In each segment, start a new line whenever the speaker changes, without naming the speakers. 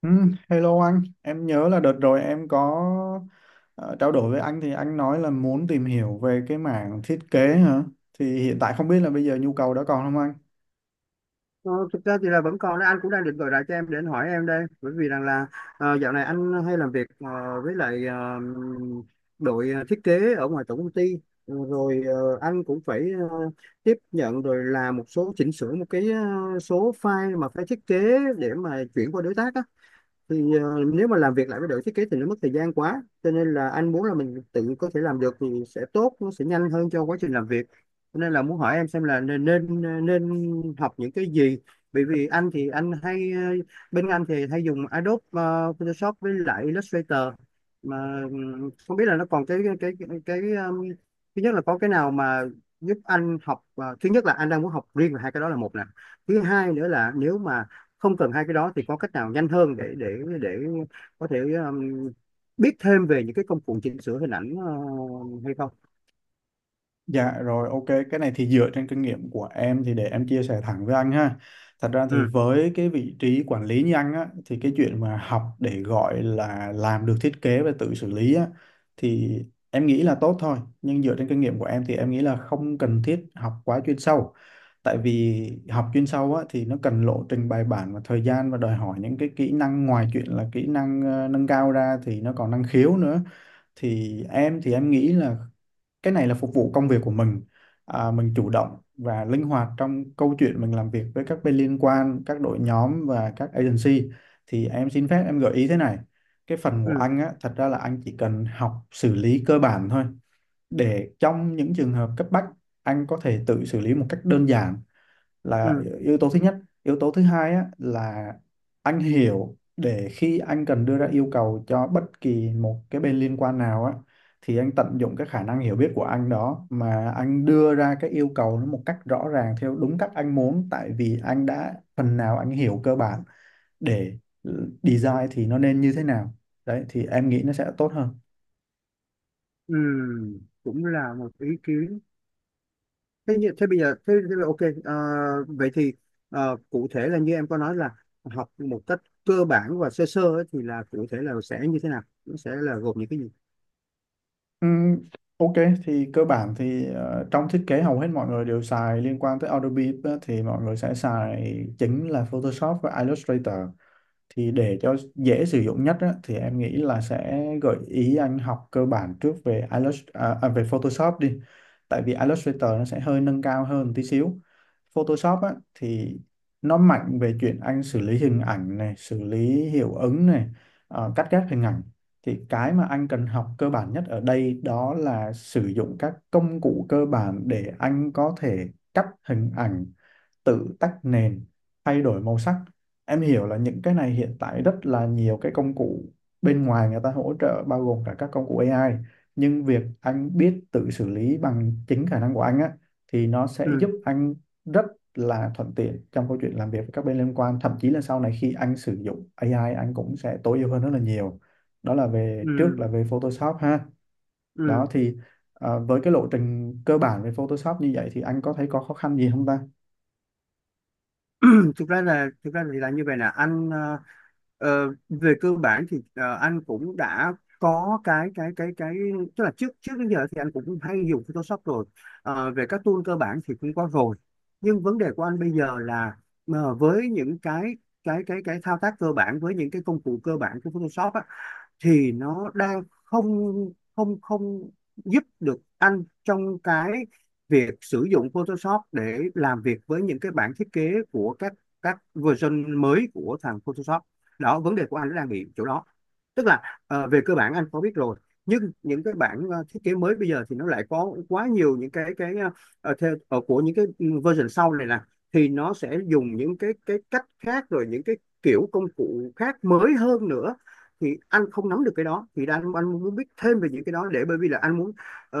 Ừ, hello anh, em nhớ là đợt rồi em có ờ, trao đổi với anh thì anh nói là muốn tìm hiểu về cái mảng thiết kế hả? Thì hiện tại không biết là bây giờ nhu cầu đó còn không anh?
Ờ, Thực ra thì là vẫn còn, đấy anh cũng đang định gọi lại cho em để anh hỏi em đây, bởi vì rằng là dạo này anh hay làm việc với lại đội thiết kế ở ngoài tổng công ty. Anh cũng phải tiếp nhận rồi làm một số chỉnh sửa, một cái số file mà phải thiết kế để mà chuyển qua đối tác á. Thì nếu mà làm việc lại với đội thiết kế thì nó mất thời gian quá, cho nên là anh muốn là mình tự có thể làm được thì sẽ tốt, nó sẽ nhanh hơn cho quá trình làm việc. Cho nên là muốn hỏi em xem là nên nên, ờ, nên học những cái gì. Bởi vì anh thì anh hay bên anh thì hay dùng Adobe Photoshop với lại Illustrator, mà không biết là nó còn cái thứ nhất là có cái nào mà giúp anh học. Ờ, Thứ nhất là anh đang muốn học riêng về hai cái đó, là một nè. Thứ hai nữa là nếu mà không cần hai cái đó thì có cách nào nhanh hơn để để có thể biết thêm về những cái công cụ chỉnh sửa hình ảnh hay không.
Dạ, rồi, ok, cái này thì dựa trên kinh nghiệm của em thì để em chia sẻ thẳng với anh ha. Thật ra thì
Ừ,
với cái vị trí quản lý như anh á, thì cái chuyện mà học để gọi là làm được thiết kế và tự xử lý á, thì em nghĩ là tốt thôi, nhưng dựa trên kinh nghiệm của em thì em nghĩ là không cần thiết học quá chuyên sâu. Tại vì học chuyên sâu á thì nó cần lộ trình bài bản và thời gian và đòi hỏi những cái kỹ năng ngoài chuyện là kỹ năng nâng cao ra thì nó còn năng khiếu nữa. Thì em nghĩ là cái này là phục vụ công việc của mình. À, mình chủ động và linh hoạt trong câu chuyện mình làm việc với các bên liên quan, các đội nhóm và các agency. Thì em xin phép em gợi ý thế này, cái phần của
ừ,
anh á thật ra là anh chỉ cần học xử lý cơ bản thôi, để trong những trường hợp cấp bách anh có thể tự xử lý một cách đơn giản, là
ừ,
yếu tố thứ nhất. Yếu tố thứ hai á, là anh hiểu để khi anh cần đưa ra yêu cầu cho bất kỳ một cái bên liên quan nào á, thì anh tận dụng cái khả năng hiểu biết của anh đó mà anh đưa ra cái yêu cầu nó một cách rõ ràng theo đúng cách anh muốn, tại vì anh đã phần nào anh hiểu cơ bản để design thì nó nên như thế nào. Đấy thì em nghĩ nó sẽ tốt hơn.
ừ, cũng là một ý kiến. Thế như thế bây giờ thế là ok. Ờ, Vậy thì cụ thể là như em có nói là học một cách cơ bản và sơ sơ ấy, thì là cụ thể là sẽ như thế nào, nó sẽ là gồm những cái gì?
Ừm, ok, thì cơ bản thì trong thiết kế hầu hết mọi người đều xài liên quan tới Adobe á, thì mọi người sẽ xài chính là Photoshop và Illustrator. Thì để cho dễ sử dụng nhất á, thì em nghĩ là sẽ gợi ý anh học cơ bản trước về về Photoshop đi, tại vì Illustrator nó sẽ hơi nâng cao hơn tí xíu. Photoshop á, thì nó mạnh về chuyện anh xử lý hình ảnh này, xử lý hiệu ứng này, cắt ghép hình ảnh. Thì cái mà anh cần học cơ bản nhất ở đây đó là sử dụng các công cụ cơ bản để anh có thể cắt hình ảnh, tự tách nền, thay đổi màu sắc. Em hiểu là những cái này hiện tại rất là nhiều cái công cụ bên ngoài người ta hỗ trợ bao gồm cả các công cụ AI, nhưng việc anh biết tự xử lý bằng chính khả năng của anh á thì nó sẽ giúp
Ừ,
anh rất là thuận tiện trong câu chuyện làm việc với các bên liên quan, thậm chí là sau này khi anh sử dụng AI anh cũng sẽ tối ưu hơn rất là nhiều. Đó là về trước là
ừ,
về Photoshop ha.
ừ.
Đó thì à, với cái lộ trình cơ bản về Photoshop như vậy thì anh có thấy có khó khăn gì không ta?
Thực ra thì là như vậy nè anh. Ờ, Về cơ bản thì anh cũng đã có cái tức là trước trước đến giờ thì anh cũng hay dùng Photoshop rồi. Ờ, về các tool cơ bản thì cũng có rồi, nhưng vấn đề của anh bây giờ là với những cái thao tác cơ bản với những cái công cụ cơ bản của Photoshop á, thì nó đang không không không giúp được anh trong cái việc sử dụng Photoshop để làm việc với những cái bản thiết kế của các version mới của thằng Photoshop đó. Vấn đề của anh nó đang bị chỗ đó, tức là về cơ bản anh có biết rồi, nhưng những cái bản thiết kế mới bây giờ thì nó lại có quá nhiều những cái của những cái version sau này nè, thì nó sẽ dùng những cái cách khác, rồi những cái kiểu công cụ khác mới hơn nữa. Thì anh không nắm được cái đó, thì anh muốn biết thêm về những cái đó để, bởi vì là anh muốn ờ,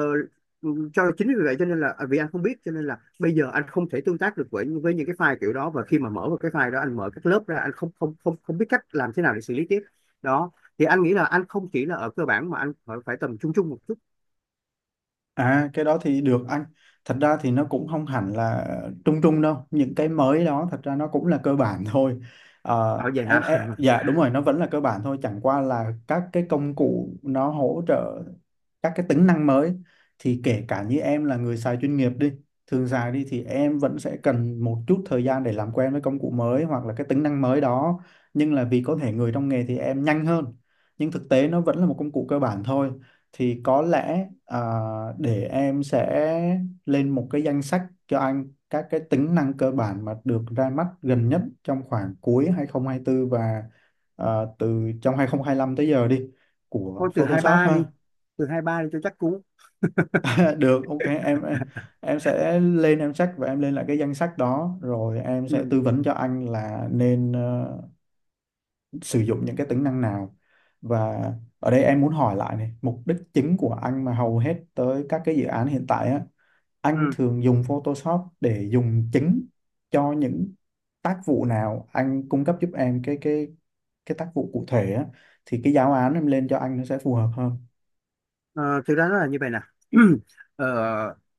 cho, chính vì vậy cho nên là à, vì anh không biết, cho nên là bây giờ anh không thể tương tác được với những cái file kiểu đó, và khi mà mở vào cái file đó anh mở các lớp ra anh không không không không biết cách làm thế nào để xử lý tiếp. Đó, thì anh nghĩ là anh không chỉ là ở cơ bản mà anh phải tầm trung trung một chút.
À, cái đó thì được anh. Thật ra thì nó cũng không hẳn là trung trung đâu. Những cái mới đó thật ra nó cũng là cơ bản thôi.
Ở vậy hả?
Dạ đúng rồi, nó vẫn là cơ bản thôi. Chẳng qua là các cái công cụ nó hỗ trợ các cái tính năng mới. Thì kể cả như em là người xài chuyên nghiệp đi, thường xài đi, thì em vẫn sẽ cần một chút thời gian để làm quen với công cụ mới hoặc là cái tính năng mới đó. Nhưng là vì có thể người trong nghề thì em nhanh hơn, nhưng thực tế nó vẫn là một công cụ cơ bản thôi. Thì có lẽ để em sẽ lên một cái danh sách cho anh các cái tính năng cơ bản mà được ra mắt gần nhất trong khoảng cuối 2024 và à, từ trong 2025 tới giờ đi, của
Thôi từ hai
Photoshop
ba đi,
ha.
từ hai ba đi cho chắc cú.
Được, ok, em sẽ lên, em check và em lên lại cái danh sách đó rồi em sẽ
Ừ,
tư vấn cho anh là nên sử dụng những cái tính năng nào. Và ở đây em muốn hỏi lại này, mục đích chính của anh mà hầu hết tới các cái dự án hiện tại á, anh
ừ.
thường dùng Photoshop để dùng chính cho những tác vụ nào, anh cung cấp giúp em cái cái tác vụ cụ thể á, thì cái giáo án em lên cho anh nó sẽ phù hợp hơn.
Ờ, thực ra nó là như vậy nè. Ờ,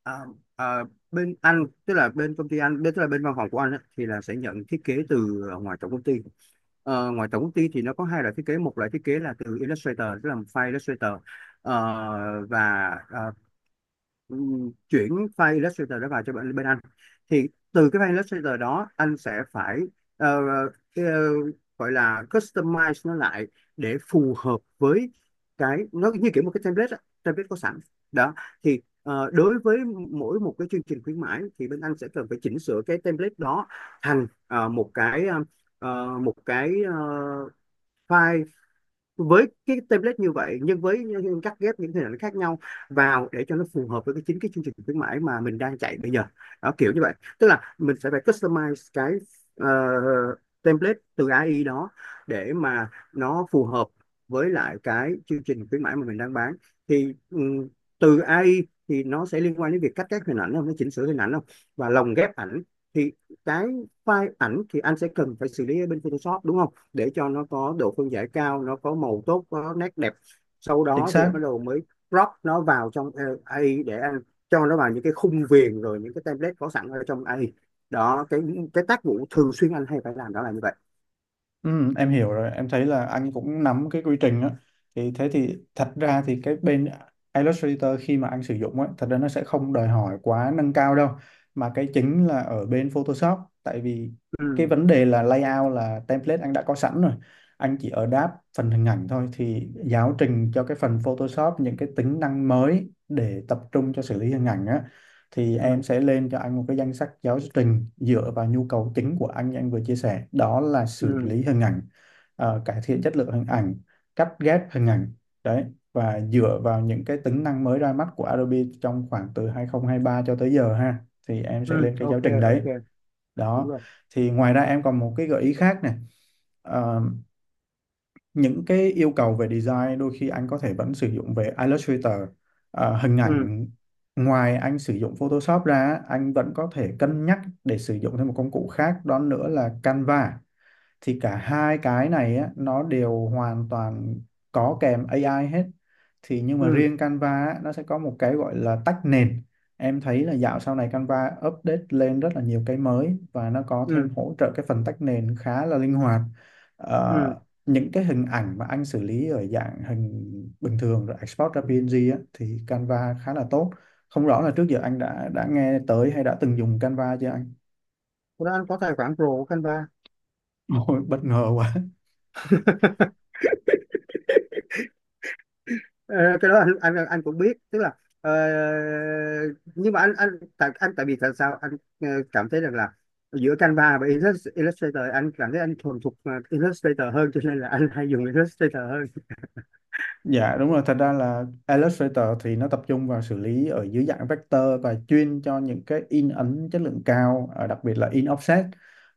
à, à, Bên anh, tức là bên công ty anh, tức là bên văn phòng của anh á, thì là sẽ nhận thiết kế từ ngoài tổng công ty. Ờ, ngoài tổng công ty thì nó có hai loại thiết kế, một loại thiết kế là từ Illustrator, tức là file Illustrator. Ờ, và ờ, chuyển file Illustrator đó vào cho bên anh, thì từ cái file Illustrator đó anh sẽ phải ờ, ờ, gọi là customize nó lại để phù hợp với cái, nó như kiểu một cái template á, template có sẵn. Đó, thì đối với mỗi một cái chương trình khuyến mãi thì bên anh sẽ cần phải chỉnh sửa cái template đó thành một cái file với cái template như vậy nhưng với những cắt ghép những hình ảnh khác nhau vào, để cho nó phù hợp với cái chương trình khuyến mãi mà mình đang chạy bây giờ. Đó, kiểu như vậy. Tức là mình sẽ phải customize cái ờ, template từ AI đó để mà nó phù hợp với lại cái chương trình khuyến mãi mà mình đang bán. Thì từ AI thì nó sẽ liên quan đến việc cắt ghép hình ảnh không, nó chỉnh sửa hình ảnh không, và lồng ghép ảnh. Thì cái file ảnh thì anh sẽ cần phải xử lý ở bên Photoshop, đúng không, để cho nó có độ phân giải cao, nó có màu tốt, có nét đẹp, sau
Chính
đó thì
xác.
bắt đầu mới crop nó vào trong AI, để anh cho nó vào những cái khung viền rồi những cái template có sẵn ở trong AI. Đó, cái tác vụ thường xuyên anh hay phải làm đó là như vậy.
Ừ, em hiểu rồi, em thấy là anh cũng nắm cái quy trình á. Thì thế thì thật ra thì cái bên Illustrator khi mà anh sử dụng á, thật ra nó sẽ không đòi hỏi quá nâng cao đâu. Mà cái chính là ở bên Photoshop, tại vì
Ừ,
cái vấn đề là layout, là template anh đã có sẵn rồi. Anh chỉ ở đáp phần hình ảnh thôi, thì giáo trình cho cái phần Photoshop những cái tính năng mới để tập trung cho xử lý hình ảnh á, thì em
ừ,
sẽ lên cho anh một cái danh sách giáo trình dựa vào nhu cầu chính của anh như anh vừa chia sẻ, đó là xử
ừ,
lý hình ảnh, cải thiện chất lượng hình ảnh, cắt ghép hình ảnh. Đấy, và dựa vào những cái tính năng mới ra mắt của Adobe trong khoảng từ 2023 cho tới giờ ha, thì em
ừ,
sẽ lên cái giáo
ok,
trình đấy.
ok, đúng
Đó
rồi.
thì ngoài ra em còn một cái gợi ý khác này. Ờ, những cái yêu cầu về design đôi khi anh có thể vẫn sử dụng về Illustrator. Hình
Ừ,
ảnh, ngoài anh sử dụng Photoshop ra, anh vẫn có thể cân nhắc để sử dụng thêm một công cụ khác đó nữa là Canva. Thì cả hai cái này á, nó đều hoàn toàn có kèm AI hết. Thì nhưng mà
ừ,
riêng Canva á, nó sẽ có một cái gọi là tách nền. Em thấy là dạo sau này Canva update lên rất là nhiều cái mới và nó có thêm
ừ,
hỗ trợ cái phần tách nền khá là linh hoạt.
ừ.
Ờ, những cái hình ảnh mà anh xử lý ở dạng hình bình thường rồi export ra PNG á, thì Canva khá là tốt. Không rõ là trước giờ anh đã nghe tới hay đã từng dùng Canva chưa anh?
Thế đó, anh có tài khoản pro của Canva.
Ôi, bất ngờ quá.
Ờ, cái đó anh, anh cũng biết, tức là ờ, nhưng mà anh tại vì tại sao anh cảm thấy rằng là giữa Canva và Illustrator, anh cảm thấy anh thuần thục Illustrator hơn cho nên là anh hay dùng Illustrator hơn.
Dạ đúng rồi, thật ra là Illustrator thì nó tập trung vào xử lý ở dưới dạng vector và chuyên cho những cái in ấn chất lượng cao, đặc biệt là in offset.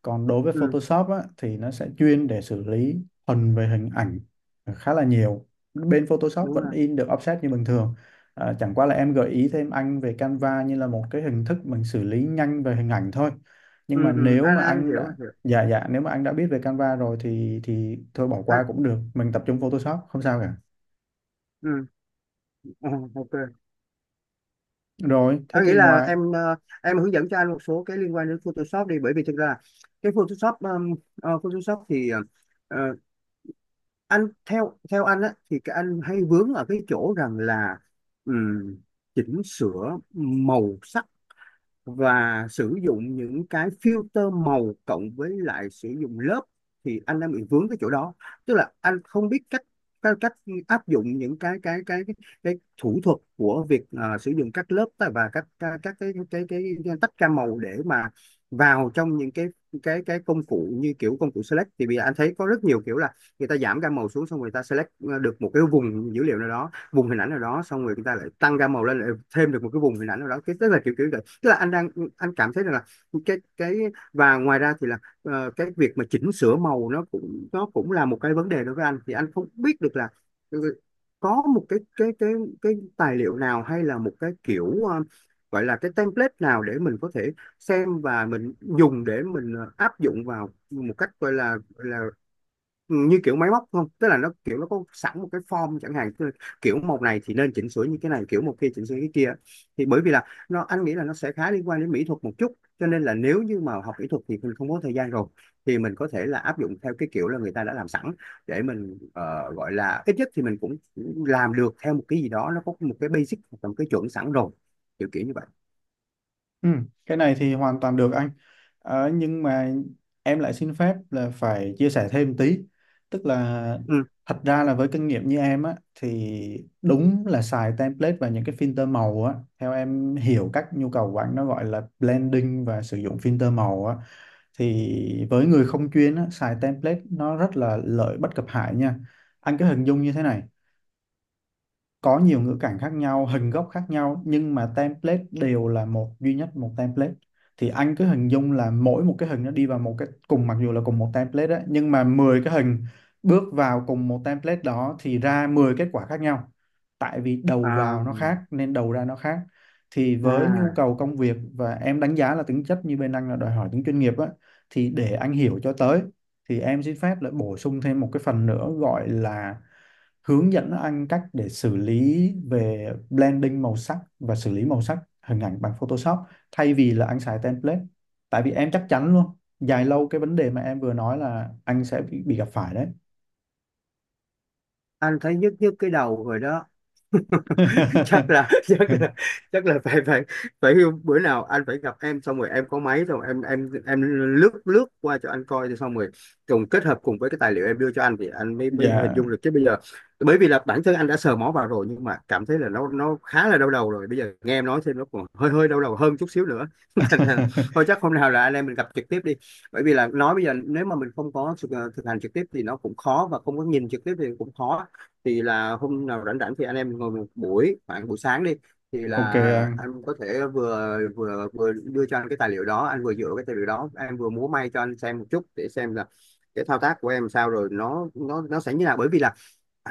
Còn đối với
Ừ,
Photoshop á, thì nó sẽ chuyên để xử lý thuần về hình ảnh khá là nhiều. Bên Photoshop
đúng
vẫn
rồi.
in được offset như bình thường. Ờ, chẳng qua là em gợi ý thêm anh về Canva như là một cái hình thức mình xử lý nhanh về hình ảnh thôi. Nhưng mà
Ừ,
nếu mà
anh
anh
hiểu, anh
đã
hiểu.
Dạ dạ, nếu mà anh đã biết về Canva rồi thì thôi bỏ
anh,
qua cũng được, mình tập trung Photoshop không sao cả.
ừ, ờ, ok,
Rồi, thế
anh nghĩ
thì
là
ngoài
em em hướng dẫn cho anh một số cái liên quan đến Photoshop đi, bởi vì thực ra là cái Photoshop, Photoshop thì ờ, anh theo theo anh á thì cái anh hay vướng ở cái chỗ rằng là ừm, chỉnh sửa màu sắc và sử dụng những cái filter màu, cộng với lại sử dụng lớp, thì anh đang bị vướng cái chỗ đó. Tức là anh không biết cách cách, cách áp dụng những cái thủ thuật của việc sử dụng các lớp, và các cái tách ra màu, để mà vào trong những cái công cụ như kiểu công cụ select. Thì bây giờ anh thấy có rất nhiều kiểu là người ta giảm gam màu xuống, xong người ta select được một cái vùng dữ liệu nào đó, vùng hình ảnh nào đó, xong rồi người ta lại tăng gam màu lên, lại thêm được một cái vùng hình ảnh nào đó. Cái tức là kiểu kiểu là, tức là anh đang, anh cảm thấy rằng là cái và ngoài ra thì là cái việc mà chỉnh sửa màu nó cũng, là một cái vấn đề đối với anh. Thì anh không biết được là ừ, có một cái tài liệu nào, hay là một cái kiểu gọi là cái template nào để mình có thể xem và mình dùng để mình áp dụng vào, một cách gọi là như kiểu máy móc không. Tức là nó kiểu nó có sẵn một cái form chẳng hạn, tức là kiểu một này thì nên chỉnh sửa như cái này, kiểu một kia chỉnh sửa cái kia. Thì bởi vì là anh nghĩ là nó sẽ khá liên quan đến mỹ thuật một chút, cho nên là nếu như mà học kỹ thuật thì mình không có thời gian rồi, thì mình có thể là áp dụng theo cái kiểu là người ta đã làm sẵn, để mình gọi là ít nhất thì mình cũng làm được theo một cái gì đó, nó có một cái basic hoặc là một cái chuẩn sẵn rồi, kiểu kiểu như vậy.
ừ, cái này thì hoàn toàn được anh. Ờ, nhưng mà em lại xin phép là phải chia sẻ thêm tí. Tức là
Ừ.
thật ra là với kinh nghiệm như em á thì đúng là xài template và những cái filter màu á, theo em hiểu các nhu cầu của anh nó gọi là blending và sử dụng filter màu á, thì với người không chuyên á, xài template nó rất là lợi bất cập hại nha. Anh cứ hình dung như thế này, có nhiều ngữ cảnh khác nhau, hình gốc khác nhau, nhưng mà template đều là một, duy nhất một template, thì anh cứ hình dung là mỗi một cái hình nó đi vào một cái cùng, mặc dù là cùng một template đấy, nhưng mà 10 cái hình bước vào cùng một template đó thì ra 10 kết quả khác nhau, tại vì đầu
à,
vào nó khác nên đầu ra nó khác. Thì với nhu
à,
cầu công việc và em đánh giá là tính chất như bên anh là đòi hỏi tính chuyên nghiệp á, thì để anh hiểu cho tới, thì em xin phép lại bổ sung thêm một cái phần nữa gọi là hướng dẫn anh cách để xử lý về blending màu sắc và xử lý màu sắc hình ảnh bằng Photoshop thay vì là anh xài template. Tại vì em chắc chắn luôn, dài lâu cái vấn đề mà em vừa nói là anh sẽ bị gặp phải đấy.
anh thấy nhức nhức cái đầu rồi đó. chắc là chắc là chắc là phải, phải bữa nào anh phải gặp em, xong rồi em có máy, xong rồi em lướt lướt qua cho anh coi thì xong rồi, cùng kết hợp cùng với cái tài liệu em đưa cho anh thì anh mới mới hình
Dạ.
dung được, chứ bây giờ bởi vì là bản thân anh đã sờ mó vào rồi nhưng mà cảm thấy là nó khá là đau đầu rồi, bây giờ nghe em nói thêm nó còn hơi hơi đau đầu hơn chút xíu nữa. Thành ra là, thôi chắc hôm nào là anh em mình gặp trực tiếp đi, bởi vì là nói bây giờ nếu mà mình không có thực hành trực tiếp thì nó cũng khó, và không có nhìn trực tiếp thì cũng khó. Thì là hôm nào rảnh rảnh thì anh em ngồi một buổi, khoảng buổi sáng đi. Thì
Ok
là
anh.
anh có thể vừa vừa vừa đưa cho anh cái tài liệu đó, anh vừa dựa cái tài liệu đó em vừa múa may cho anh xem một chút, để xem là cái thao tác của em sao, rồi nó sẽ như nào. Bởi vì là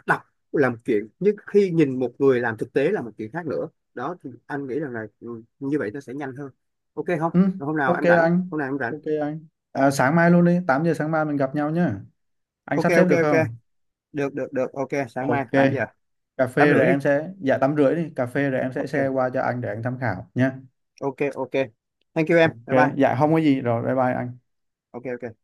đọc là một chuyện, nhưng khi nhìn một người làm thực tế là một chuyện khác nữa. Đó thì anh nghĩ rằng là ừ, như vậy nó sẽ nhanh hơn. Ok không?
Ừ,
Rồi, hôm nào
ok
anh rảnh
anh.
hôm nào em rảnh.
Ok anh, à, sáng mai luôn đi, 8 giờ sáng mai mình gặp nhau nhá, anh
Ok,
sắp xếp
ok,
được
ok,
không?
được, được, được, ok, sáng mai
Ok.
8 giờ.
cà
tám
phê rồi
rưỡi đi.
em sẽ Dạ, 8 rưỡi đi cà phê rồi em sẽ share
Ok,
qua cho anh để anh tham khảo nhá.
ok, ok, thank you em,
Ok.
bye bye.
Dạ không có gì, rồi bye bye anh.
Ok, ok.